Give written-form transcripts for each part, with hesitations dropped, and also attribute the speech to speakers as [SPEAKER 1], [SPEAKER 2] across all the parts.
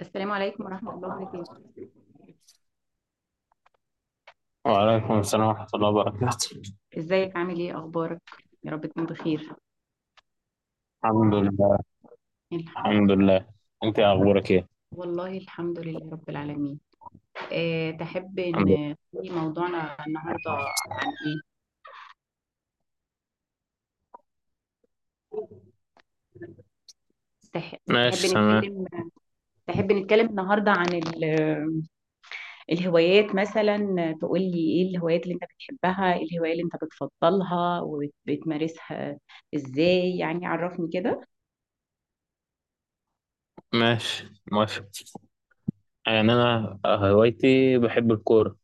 [SPEAKER 1] السلام عليكم ورحمة الله وبركاته.
[SPEAKER 2] وعليكم السلام ورحمة الله وبركاته.
[SPEAKER 1] ازيك؟ عامل ايه؟ اخبارك؟ يا رب تكون بخير.
[SPEAKER 2] الحمد لله.
[SPEAKER 1] الحمد-
[SPEAKER 2] الحمد لله. انت اخبارك ايه؟
[SPEAKER 1] والله، الحمد لله رب العالمين. تحب
[SPEAKER 2] الحمد لله،
[SPEAKER 1] ان تقولي موضوعنا النهاردة عن ايه؟ تح- تحب
[SPEAKER 2] ماشي تمام.
[SPEAKER 1] نتكلم تحب نتكلم النهاردة عن الهوايات مثلا. تقولي ايه الهوايات اللي انت بتحبها؟ ايه الهواية اللي انت بتفضلها وبتمارسها ازاي؟ يعني عرفني كده.
[SPEAKER 2] ماشي موافق. يعني انا هوايتي بحب الكورة.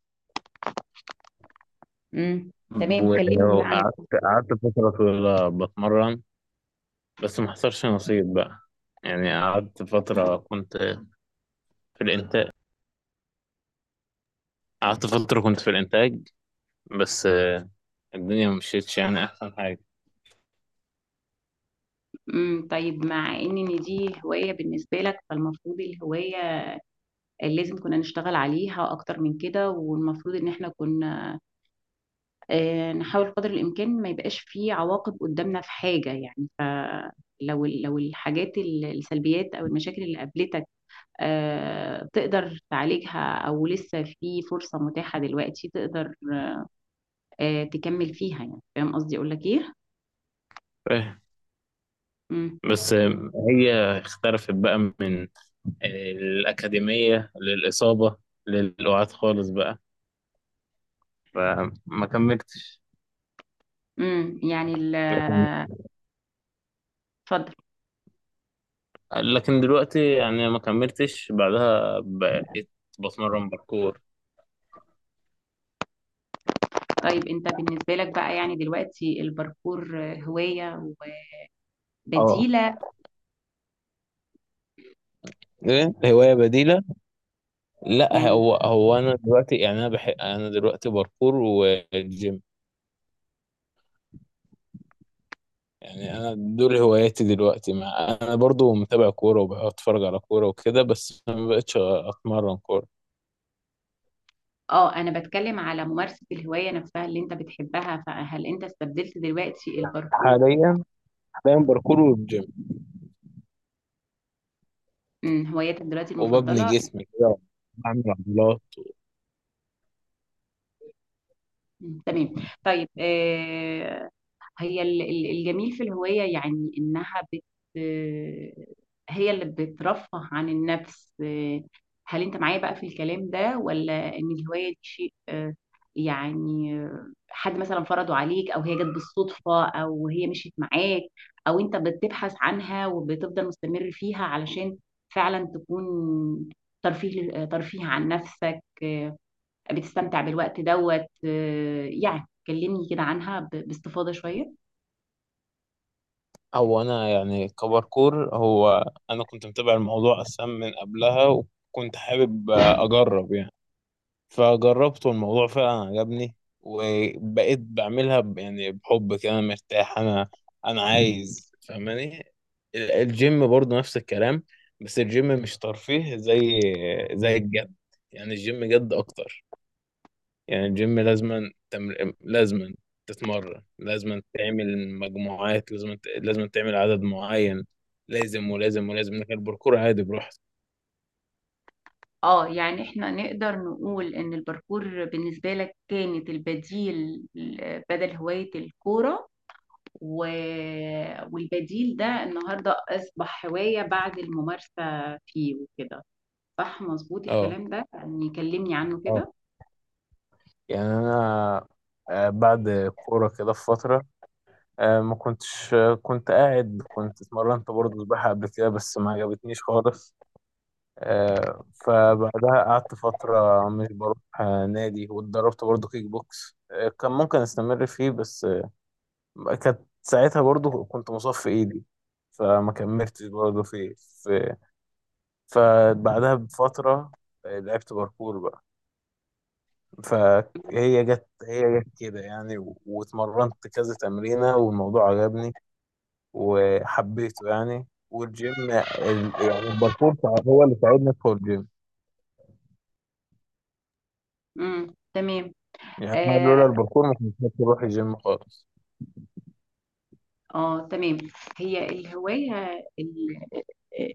[SPEAKER 1] امم تمام، كلمني بقى عن.
[SPEAKER 2] وقعدت، قعدت فترة طويلة بتمرن، بس ما حصلش نصيب بقى. يعني قعدت فترة كنت في الانتاج، قعدت فترة كنت في الانتاج، بس الدنيا ما مشيتش يعني احسن حاجة.
[SPEAKER 1] طيب، مع إن دي هواية بالنسبة لك فالمفروض الهواية لازم كنا نشتغل عليها اكتر من كده، والمفروض ان احنا كنا نحاول قدر الامكان ما يبقاش فيه عواقب قدامنا في حاجة. يعني لو الحاجات، السلبيات او المشاكل اللي قابلتك تقدر تعالجها او لسه في فرصة متاحة دلوقتي تقدر تكمل فيها. يعني فاهم قصدي اقول لك ايه؟ امم
[SPEAKER 2] بس هي اختلفت بقى من الأكاديمية للإصابة، للقعاد خالص بقى، فما كملتش.
[SPEAKER 1] امم يعني ال-
[SPEAKER 2] لكن
[SPEAKER 1] اتفضل.
[SPEAKER 2] لكن دلوقتي يعني ما كملتش، بعدها بقيت بتمرن باركور.
[SPEAKER 1] طيب، أنت بالنسبة لك بقى يعني دلوقتي الباركور هواية
[SPEAKER 2] اه،
[SPEAKER 1] وبديلة؟
[SPEAKER 2] ايه،
[SPEAKER 1] طيب.
[SPEAKER 2] هواية بديلة. لا،
[SPEAKER 1] يعني
[SPEAKER 2] هو انا دلوقتي يعني انا بحب، انا دلوقتي باركور والجيم. يعني انا دول هواياتي دلوقتي، مع انا برضو متابع كورة وبتفرج على كورة وكده، بس ما بقتش اتمرن كورة.
[SPEAKER 1] اه، انا بتكلم على ممارسة الهواية نفسها اللي انت بتحبها، فهل انت استبدلت دلوقتي الباركور؟
[SPEAKER 2] حاليا، حاليا باركور والجيم،
[SPEAKER 1] هوايتك دلوقتي
[SPEAKER 2] وببني
[SPEAKER 1] المفضلة؟
[SPEAKER 2] جسمي كده، بعمل عضلات.
[SPEAKER 1] مم، تمام. طيب، هي الجميل في الهواية يعني إنها هي اللي بترفه عن النفس. هل أنت معايا بقى في الكلام ده، ولا إن الهواية دي شيء يعني حد مثلا فرضه عليك، أو هي جت بالصدفة، أو هي مشيت معاك، أو أنت بتبحث عنها وبتفضل مستمر فيها علشان فعلا تكون ترفيه، ترفيه عن نفسك؟ بتستمتع بالوقت دوت. يعني كلمني كده عنها باستفاضة شوية.
[SPEAKER 2] هو انا يعني كباركور، هو انا كنت متابع الموضوع اصلا من قبلها، وكنت حابب اجرب يعني، فجربت والموضوع فعلا عجبني، وبقيت بعملها يعني بحب كده، انا مرتاح، انا انا عايز، فاهماني. الجيم برضه نفس الكلام، بس الجيم مش ترفيه زي، زي الجد. يعني الجيم جد اكتر. يعني الجيم لازما لازما تتمرن، لازما تعمل مجموعات، لازما لازما تعمل عدد معين، لازم ولازم ولازم، لكن الباركور عادي براحتك.
[SPEAKER 1] اه، يعني احنا نقدر نقول ان الباركور بالنسبة لك كانت البديل بدل هواية الكورة، و... والبديل ده النهاردة اصبح هواية بعد الممارسة فيه وكده. صح مظبوط
[SPEAKER 2] اه،
[SPEAKER 1] الكلام ده؟ يعني كلمني عنه
[SPEAKER 2] اه،
[SPEAKER 1] كده.
[SPEAKER 2] يعني انا بعد الكوره كده في فتره، ما كنتش، كنت قاعد، كنت اتمرنت برضه سباحه قبل كده بس ما عجبتنيش خالص. فبعدها قعدت فتره مش بروح نادي، واتدربت برضه كيك بوكس، كان ممكن استمر فيه بس كانت ساعتها برضو كنت مصاب في ايدي، فما كملتش برضو في، فبعدها بفترة لعبت باركور بقى. فهي جت كده يعني، واتمرنت كذا تمرينة والموضوع عجبني وحبيته. يعني والجيم يعني الباركور هو اللي ساعدني ادخل الجيم.
[SPEAKER 1] تمام.
[SPEAKER 2] يعني أنا لولا
[SPEAKER 1] اه.
[SPEAKER 2] الباركور ما كنتش هروح الجيم خالص.
[SPEAKER 1] تمام. هي الهواية، ال-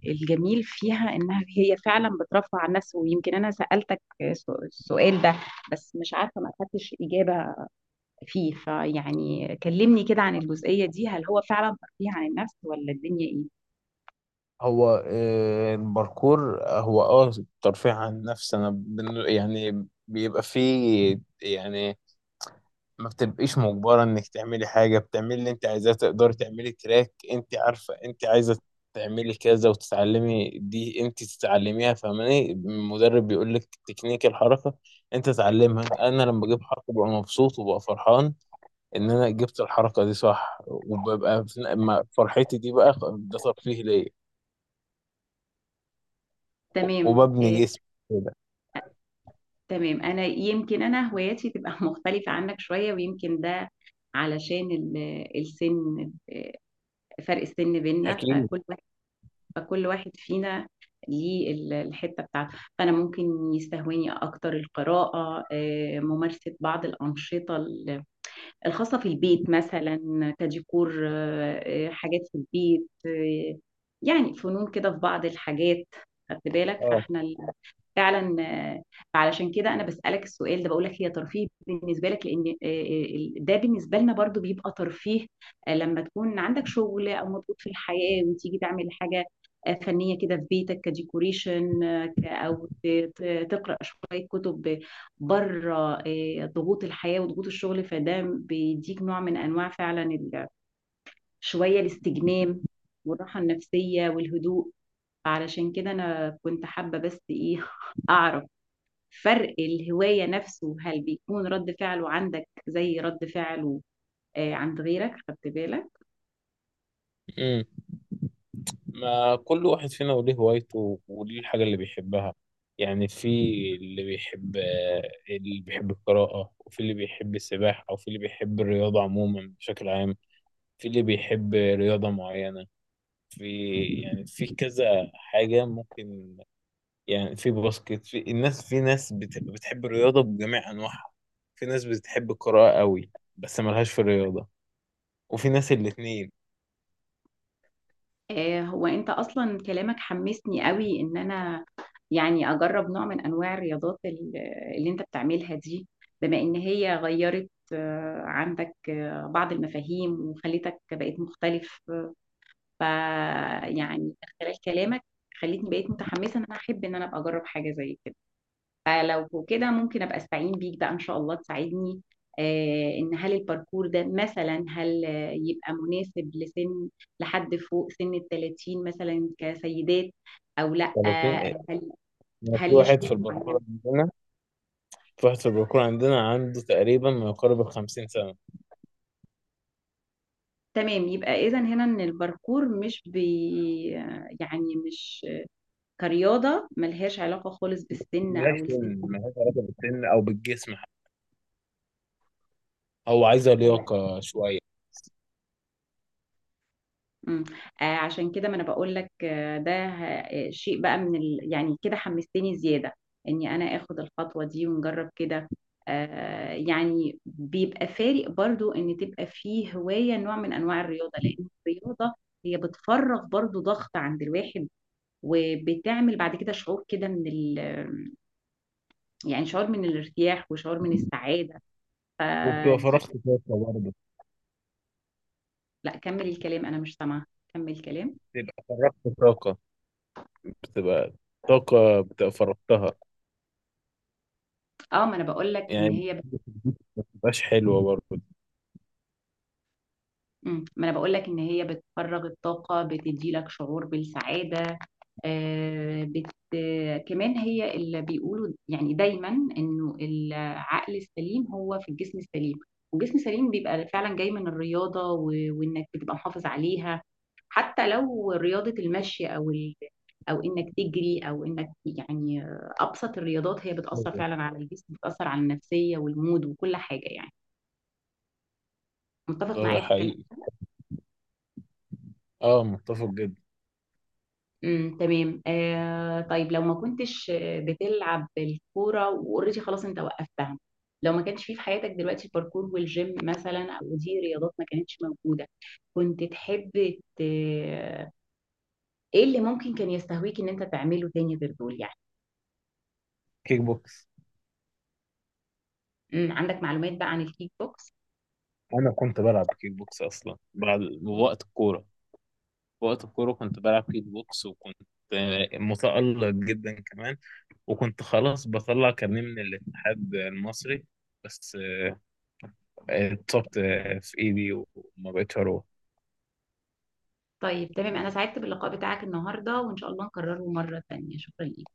[SPEAKER 1] الجميل فيها انها هي فعلا بترفع عن النفس. ويمكن انا سألتك السؤال ده بس مش عارفة ما اخدتش إجابة فيه. فيعني كلمني كده عن الجزئية دي، هل هو فعلا ترفيه عن النفس ولا الدنيا ايه؟
[SPEAKER 2] هو الباركور هو اه ترفيه عن النفس. انا يعني بيبقى فيه يعني ما بتبقيش مجبرة انك تعملي حاجة، بتعملي اللي انت عايزاه، تقدري تعملي تراك انت عارفة انت عايزة تعملي كذا وتتعلمي، دي انت تتعلميها فاهماني، المدرب بيقول لك تكنيك الحركة، انت تعلمها. انا لما بجيب حركة ببقى مبسوط وببقى فرحان ان انا جبت الحركة دي صح، وببقى فرحتي دي بقى ده ترفيه ليا،
[SPEAKER 1] تمام.
[SPEAKER 2] وببني جسمي كده.
[SPEAKER 1] تمام، انا يمكن انا هواياتي تبقى مختلفة عنك شوية. ويمكن ده علشان السن، فرق السن بيننا.
[SPEAKER 2] اكيد.
[SPEAKER 1] فكل واحد فينا ليه الحتة بتاعته. فأنا ممكن يستهويني أكتر القراءة، ممارسة بعض الأنشطة الخاصة في البيت مثلا كديكور، حاجات في البيت. يعني فنون كده في بعض الحاجات. خدت بالك؟
[SPEAKER 2] اه.
[SPEAKER 1] فعلا. فعلشان كده انا بسألك السؤال ده، بقول لك هي ترفيه بالنسبة لك؟ لان ده بالنسبة لنا برضو بيبقى ترفيه. لما تكون عندك شغل او مضغوط في الحياة وتيجي تعمل حاجة فنية كده في بيتك كديكوريشن، آه، تقرأ شوية كتب بره ضغوط الحياة وضغوط الشغل، فده بيديك نوع من أنواع فعلا شوية الاستجمام والراحة النفسية والهدوء. علشان كده أنا كنت حابة بس إيه أعرف فرق الهواية نفسه، هل بيكون رد فعله عندك زي رد فعله عند غيرك؟ خدت بالك؟
[SPEAKER 2] امم، ما كل واحد فينا وليه هوايته وليه الحاجه اللي بيحبها. يعني في اللي بيحب، اللي بيحب القراءه، وفي اللي بيحب السباحه، وفي اللي بيحب الرياضه عموما بشكل عام، في اللي بيحب رياضه معينه، في، يعني في كذا حاجه ممكن. يعني في باسكت، في الناس، في ناس بتحب الرياضه بجميع انواعها، في ناس بتحب القراءه قوي بس ملهاش في الرياضه، وفي ناس الاتنين،
[SPEAKER 1] هو انت اصلا كلامك حمسني قوي ان انا يعني اجرب نوع من انواع الرياضات اللي انت بتعملها دي. بما ان هي غيرت عندك بعض المفاهيم وخلتك بقيت مختلف. ف يعني خلال كلامك خلتني بقيت متحمسة ان انا احب ان انا ابقى اجرب حاجة زي كده. فلو كده ممكن ابقى استعين بيك بقى ان شاء الله تساعدني ان هل الباركور ده مثلا هل يبقى مناسب لسن، لحد فوق سن ال 30 مثلا كسيدات او لا؟
[SPEAKER 2] فالاتنين.
[SPEAKER 1] هل
[SPEAKER 2] أنا في
[SPEAKER 1] ليه
[SPEAKER 2] واحد في
[SPEAKER 1] شروط معينه؟
[SPEAKER 2] الباركور عندنا، في واحد في الباركور عندنا عنده تقريبا ما يقارب ال 50 سنة.
[SPEAKER 1] تمام، يبقى اذا هنا ان الباركور مش بي يعني مش كرياضه ملهاش علاقه خالص بالسن
[SPEAKER 2] ملهاش
[SPEAKER 1] او السن.
[SPEAKER 2] سن، ملهاش علاقة بالسن أو بالجسم حتى، هو عايزة لياقة شوية.
[SPEAKER 1] مم. آه، عشان كده ما انا بقول لك آه ده شيء بقى من يعني كده حمستني زيادة اني انا اخد الخطوة دي ونجرب كده. آه، يعني بيبقى فارق برضو ان تبقى فيه هواية، نوع من انواع الرياضة. لان الرياضة هي بتفرغ برضو ضغط عند الواحد، وبتعمل بعد كده شعور كده من يعني شعور من الارتياح وشعور من السعادة.
[SPEAKER 2] وبتبقى
[SPEAKER 1] فدي.
[SPEAKER 2] فرغت طاقة برضه،
[SPEAKER 1] لا، كمل الكلام، انا مش سامعة. كمل الكلام.
[SPEAKER 2] بتبقى فرغت طاقة، بتبقى طاقة بتبقى فرغتها،
[SPEAKER 1] اه، ما انا بقول لك ان
[SPEAKER 2] يعني
[SPEAKER 1] هي.
[SPEAKER 2] ما بتبقاش حلوة برضه.
[SPEAKER 1] مم. ما انا بقول لك ان هي بتفرغ الطاقه، بتدي لك شعور بالسعاده. آه بت... آه، كمان هي اللي بيقولوا يعني دايما انه العقل السليم هو في الجسم السليم. والجسم السليم بيبقى فعلا جاي من الرياضه، وانك بتبقى محافظ عليها حتى لو رياضه المشي او او انك تجري او انك يعني ابسط الرياضات هي بتاثر فعلا على الجسم، بتاثر على النفسيه والمود وكل حاجه. يعني متفق
[SPEAKER 2] ده
[SPEAKER 1] معايا في الكلام؟
[SPEAKER 2] حقيقي، اه متفق جدا.
[SPEAKER 1] تمام. آه، طيب لو ما كنتش بتلعب الكوره واوريدي خلاص انت وقفتها، لو ما كانش فيه في حياتك دلوقتي الباركور والجيم مثلا او دي رياضات ما كانتش موجوده، كنت تحب ت... ايه اللي ممكن كان يستهويك ان انت تعمله تاني غير دول يعني؟
[SPEAKER 2] كيك بوكس.
[SPEAKER 1] عندك معلومات بقى عن الكيك بوكس؟
[SPEAKER 2] أنا كنت بلعب كيك بوكس أصلا بعد وقت الكورة، في وقت الكورة كنت بلعب كيك بوكس، وكنت متألق جدا كمان، وكنت خلاص بطلع كارنيه من الاتحاد المصري، بس اتصبت في ايدي وما بقتش اروح.
[SPEAKER 1] طيب تمام، انا سعدت باللقاء بتاعك النهارده وان شاء الله نكرره مره تانيه. شكرا ليك.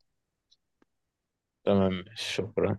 [SPEAKER 2] تمام، شكرا.